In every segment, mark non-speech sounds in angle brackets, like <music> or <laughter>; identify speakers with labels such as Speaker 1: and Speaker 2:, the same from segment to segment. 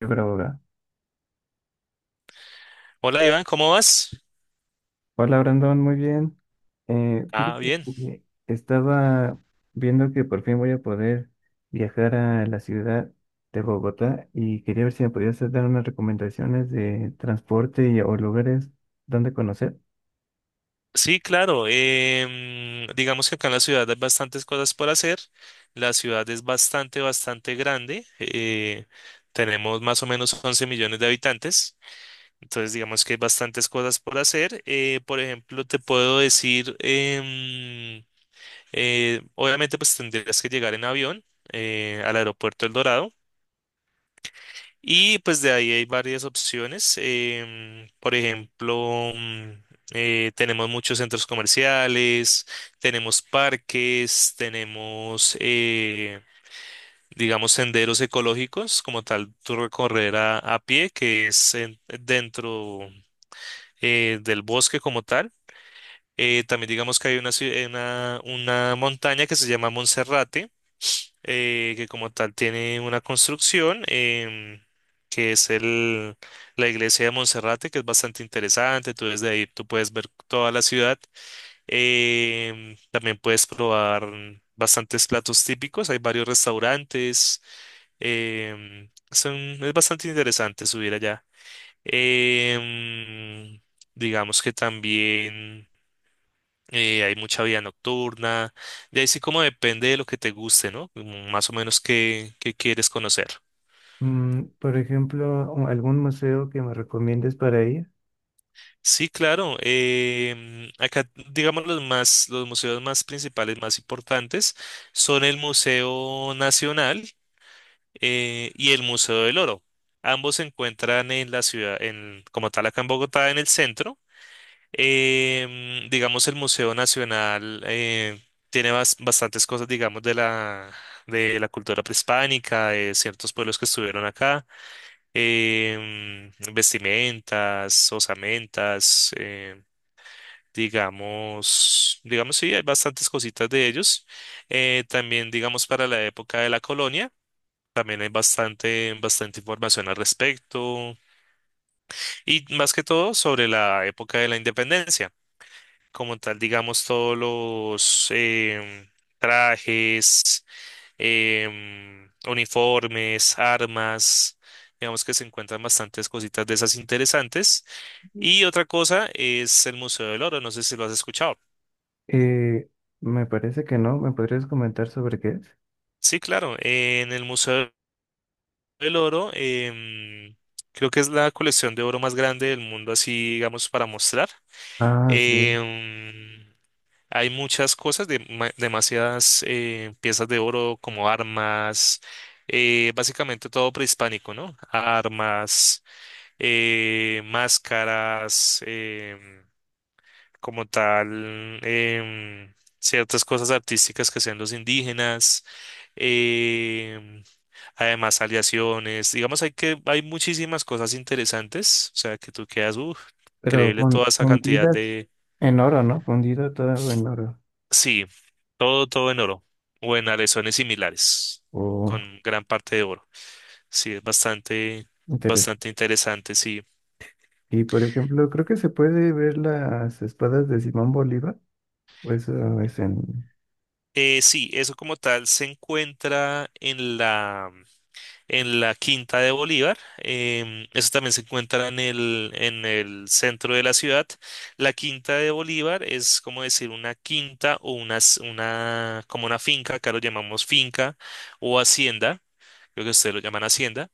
Speaker 1: Yo grabo acá.
Speaker 2: Hola Iván, ¿cómo vas?
Speaker 1: Hola Brandon, muy bien.
Speaker 2: Ah,
Speaker 1: Fíjate
Speaker 2: bien.
Speaker 1: que estaba viendo que por fin voy a poder viajar a la ciudad de Bogotá y quería ver si me podías dar unas recomendaciones de transporte y, o lugares donde conocer.
Speaker 2: Sí, claro. Digamos que acá en la ciudad hay bastantes cosas por hacer. La ciudad es bastante, bastante grande. Tenemos más o menos 11 millones de habitantes. Entonces, digamos que hay bastantes cosas por hacer. Por ejemplo, te puedo decir, obviamente, pues tendrías que llegar en avión al aeropuerto El Dorado. Y pues de ahí hay varias opciones. Por ejemplo, tenemos muchos centros comerciales, tenemos parques, tenemos, digamos, senderos ecológicos, como tal, tú recorrer a pie, que es dentro del bosque como tal. También digamos que hay una montaña que se llama Monserrate, que como tal tiene una construcción que es la iglesia de Monserrate, que es bastante interesante. Tú desde ahí tú puedes ver toda la ciudad. También puedes probar bastantes platos típicos. Hay varios restaurantes. em, son, es bastante interesante subir allá. Em, digamos que también hay mucha vida nocturna. De ahí sí como depende de lo que te guste, ¿no? Como más o menos qué quieres conocer.
Speaker 1: Mm, por ejemplo, o algún museo que me recomiendes para ir.
Speaker 2: Sí, claro. Acá, digamos, los museos más principales, más importantes, son el Museo Nacional y el Museo del Oro. Ambos se encuentran en la ciudad, en, como tal, acá en Bogotá, en el centro. Digamos, el Museo Nacional tiene bastantes cosas, digamos, de la cultura prehispánica, de ciertos pueblos que estuvieron acá, vestimentas, osamentas, digamos, sí, hay bastantes cositas de ellos. También, digamos, para la época de la colonia. También hay bastante, bastante información al respecto y más que todo sobre la época de la independencia. Como tal, digamos, todos los trajes, uniformes, armas, digamos que se encuentran bastantes cositas de esas interesantes. Y otra cosa es el Museo del Oro, no sé si lo has escuchado.
Speaker 1: Eh, Me parece que no. ¿Me podrías comentar sobre qué es?
Speaker 2: Sí, claro, en el Museo del Oro, creo que es la colección de oro más grande del mundo, así, digamos, para mostrar.
Speaker 1: Ah, sí.
Speaker 2: Em, Hay muchas cosas, demasiadas piezas de oro como armas, básicamente todo prehispánico, ¿no? Armas, máscaras, como tal, ciertas cosas artísticas que sean los indígenas, em, además aleaciones, digamos, hay muchísimas cosas interesantes, o sea, que tú quedas, uff, increíble toda esa cantidad.
Speaker 1: Fundidas en oro, ¿no? Fundido todo en oro.
Speaker 2: Sí, todo, todo en oro o en aleaciones similares,
Speaker 1: O
Speaker 2: con gran parte de oro. Sí, es bastante,
Speaker 1: Inter-
Speaker 2: bastante interesante, sí.
Speaker 1: y por ejemplo, creo que se puede ver las espadas de Simón Bolívar, o eso es en...
Speaker 2: Sí, eso como tal se encuentra en la Quinta de Bolívar. Eso también se encuentra en el centro de la ciudad. La Quinta de Bolívar es como decir una quinta o una, como una finca, acá lo llamamos finca o hacienda, creo que ustedes lo llaman hacienda,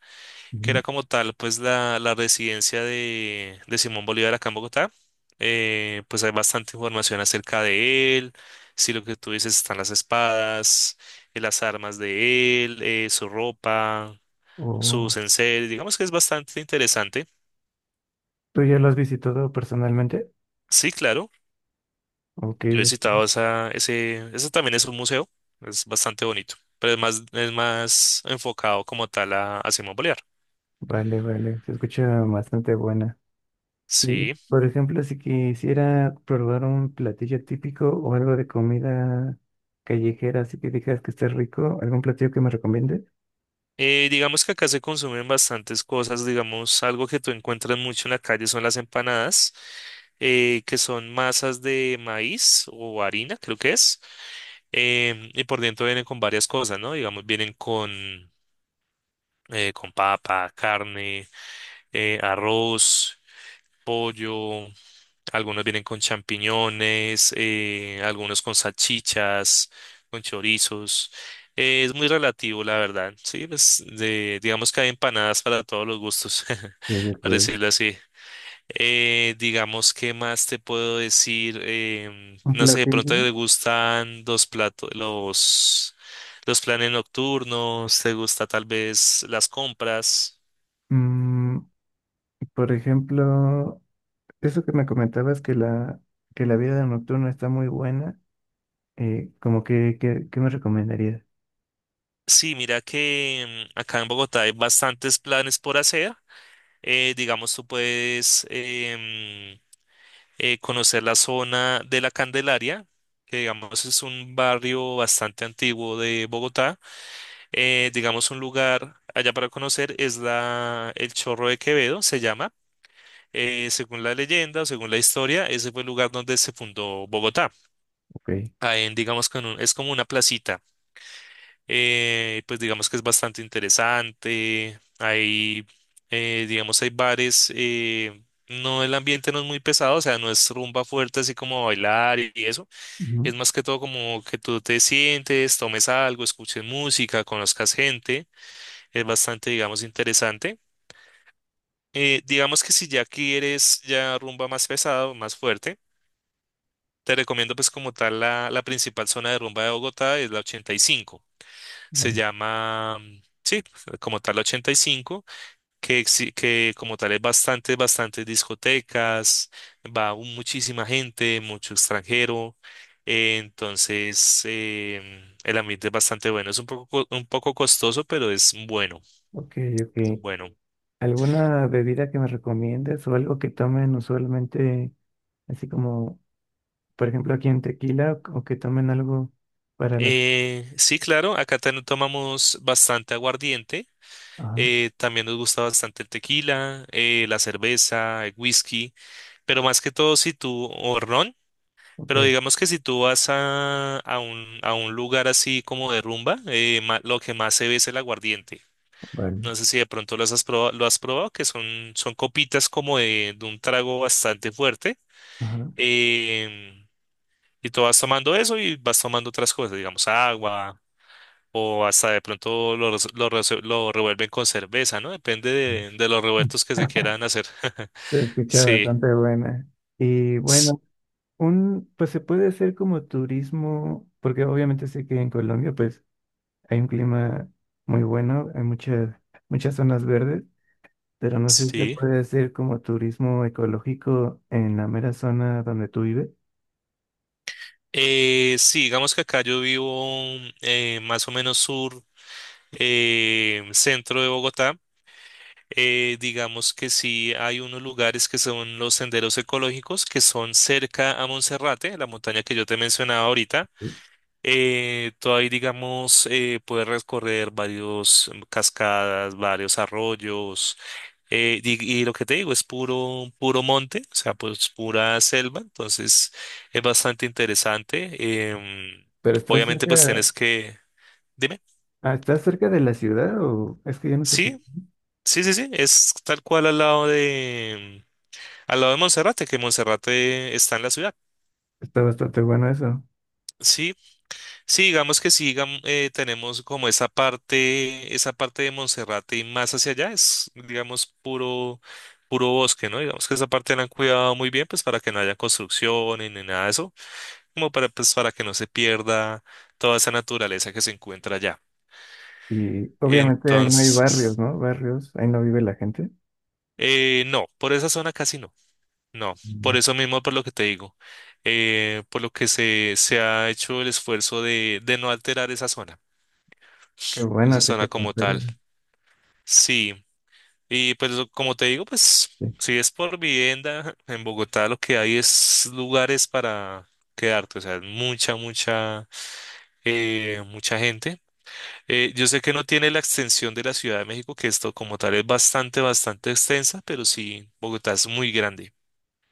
Speaker 2: que
Speaker 1: Ujú.
Speaker 2: era como tal, pues la residencia de Simón Bolívar acá en Bogotá. Pues hay bastante información acerca de él, si lo que tú dices están las espadas, las armas de él, su ropa,
Speaker 1: o-
Speaker 2: sus enseres, digamos que es bastante interesante.
Speaker 1: ¿Tú ya lo has visitado personalmente?
Speaker 2: Sí, claro,
Speaker 1: Ok,
Speaker 2: yo he citado ese también es un museo, es bastante bonito, pero es más enfocado como tal a Simón Bolívar.
Speaker 1: vale, vale, se escucha bastante buena. Y
Speaker 2: Sí.
Speaker 1: por ejemplo, si quisiera probar un platillo típico o algo de comida callejera, así que digas que esté rico, ¿algún platillo que me recomiende?
Speaker 2: Digamos que acá se consumen bastantes cosas, digamos, algo que tú encuentras mucho en la calle son las empanadas, que son masas de maíz o harina, creo que es, y por dentro vienen con varias cosas, ¿no? Digamos, vienen con papa, carne, arroz, pollo. Algunos vienen con champiñones, algunos con salchichas, con chorizos. Es muy relativo, la verdad. Sí, pues, digamos que hay empanadas para todos los gustos, <laughs>
Speaker 1: Ok, ok.
Speaker 2: para decirlo así. Digamos, ¿qué más te puedo decir?
Speaker 1: ¿Un
Speaker 2: No sé, de pronto
Speaker 1: platillo?
Speaker 2: te gustan los platos, los planes nocturnos, te gusta tal vez las compras.
Speaker 1: Mm, por ejemplo... Eso que me comentabas que la vida nocturna está muy buena, como que, ¿qué me recomendarías?
Speaker 2: Sí, mira que acá en Bogotá hay bastantes planes por hacer. Digamos, tú puedes conocer la zona de la Candelaria, que digamos es un barrio bastante antiguo de Bogotá. Digamos, un lugar allá para conocer es el Chorro de Quevedo, se llama. Según la leyenda, según la historia, ese fue el lugar donde se fundó Bogotá.
Speaker 1: Ok.
Speaker 2: Ahí, digamos, es como una placita. Pues digamos que es bastante interesante. Digamos, hay bares. No, el ambiente no es muy pesado, o sea, no es rumba fuerte así como bailar y eso.
Speaker 1: Ujú.
Speaker 2: Es más que todo como que tú te sientes, tomes algo, escuches música, conozcas gente. Es bastante, digamos, interesante. Digamos que si ya quieres ya rumba más pesado, más fuerte, te recomiendo pues como tal la principal zona de rumba de Bogotá es la 85. se
Speaker 1: Bueno,
Speaker 2: llama, mm, sí, como tal 85, que como tal es bastantes discotecas, muchísima gente, mucho extranjero, entonces el ambiente es bastante bueno, es un poco costoso, pero es bueno,
Speaker 1: ok,
Speaker 2: es
Speaker 1: ok.
Speaker 2: bueno.
Speaker 1: ¿Alguna bebida que me recomiendes o algo que tomen usualmente, así como, por ejemplo, aquí en tequila, o que tomen algo para las...
Speaker 2: Sí, claro, acá también tomamos bastante aguardiente.
Speaker 1: Ajá,
Speaker 2: También nos gusta bastante el tequila, la cerveza, el whisky, pero más que todo si tú, o ron, pero
Speaker 1: ok,
Speaker 2: digamos que si tú vas a un lugar así como de rumba, lo que más se ve es el aguardiente.
Speaker 1: vale.
Speaker 2: No sé si de pronto los has probado, lo has probado, que son copitas como de un trago bastante fuerte.
Speaker 1: Ajá.
Speaker 2: em, y tú vas tomando eso y vas tomando otras cosas, digamos agua, o hasta de pronto lo, res- lo, rese- lo revuelven con cerveza, ¿no? Depende de los revueltos que se quieran hacer. <laughs>
Speaker 1: Se escucha
Speaker 2: Sí,
Speaker 1: bastante buena. Y
Speaker 2: s-
Speaker 1: bueno, un, pues se puede hacer como turismo, porque obviamente sé que en Colombia, pues hay un clima muy bueno, hay muchas, muchas zonas verdes, pero no sé si se
Speaker 2: sí.
Speaker 1: puede hacer como turismo ecológico en la mera zona donde tú vives.
Speaker 2: Sí, digamos que acá yo vivo más o menos sur, centro de Bogotá. Digamos que sí hay unos lugares que son los senderos ecológicos que son cerca a Monserrate, la montaña que yo te mencionaba ahorita. Tú ahí, digamos, puedes recorrer varios cascadas, varios arroyos y lo que te digo es puro, puro monte, o sea, pues pura selva, entonces es bastante interesante.
Speaker 1: Pero estás
Speaker 2: Obviamente,
Speaker 1: cerca,
Speaker 2: pues tienes que... Dime.
Speaker 1: ah, ¿estás cerca de la ciudad o es que ya no te...
Speaker 2: Sí, sí, sí, sí, es tal cual al lado de... Al lado de Monserrate, que Monserrate está en la ciudad.
Speaker 1: Está bastante bueno eso.
Speaker 2: Sí, sí, digamos que sí, tenemos como esa parte de Monserrate y más hacia allá es, digamos, puro, puro bosque, ¿no? Digamos que esa parte la han cuidado muy bien, pues para que no haya construcciones ni nada de eso. Como para, pues, para que no se pierda toda esa naturaleza que se encuentra allá.
Speaker 1: Y obviamente ahí no hay barrios,
Speaker 2: Entonces,
Speaker 1: ¿no? Barrios, ahí no vive la gente.
Speaker 2: no, por esa zona casi no, no,
Speaker 1: Sí.
Speaker 2: por eso mismo, por lo que te digo, por lo que se ha hecho el esfuerzo de no alterar
Speaker 1: Qué
Speaker 2: esa
Speaker 1: bueno que se
Speaker 2: zona como
Speaker 1: conserve.
Speaker 2: tal. Sí, y pues como te digo, pues
Speaker 1: Sí.
Speaker 2: si es por vivienda, <laughs> en Bogotá lo que hay es lugares para quedarte, o sea, mucha gente. Yo sé que no tiene la extensión de la Ciudad de México, que esto como tal es bastante, bastante extensa, pero sí, Bogotá es muy grande,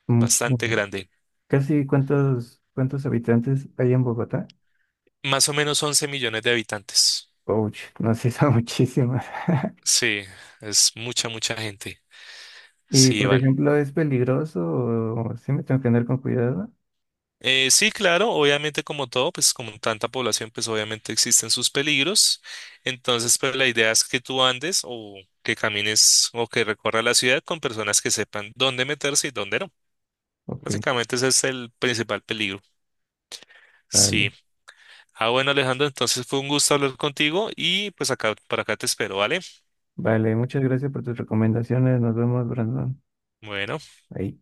Speaker 1: Muchísimo.
Speaker 2: bastante grande.
Speaker 1: ¿Casi cuántos, cuántos habitantes hay en Bogotá?
Speaker 2: Más o menos 11 millones de habitantes.
Speaker 1: Ouch, no sé, son muchísimos. <laughs>
Speaker 2: Sí, es mucha, mucha gente.
Speaker 1: Y
Speaker 2: Sí,
Speaker 1: por
Speaker 2: Iván.
Speaker 1: ejemplo, ¿es peligroso o sí me tengo que andar con cuidado?
Speaker 2: Sí, claro, obviamente como todo, pues como tanta población, pues obviamente existen sus peligros. Entonces, pero la idea es que tú andes o que camines o que recorras la ciudad con personas que sepan dónde meterse y dónde no.
Speaker 1: Ok,
Speaker 2: Básicamente ese es el principal peligro.
Speaker 1: vale.
Speaker 2: Sí. Ah, bueno, Alejandro, entonces fue un gusto hablar contigo y pues acá, para acá te espero, ¿vale?
Speaker 1: Vale, muchas gracias por tus recomendaciones. Nos vemos, Brandon.
Speaker 2: Bueno.
Speaker 1: Ahí.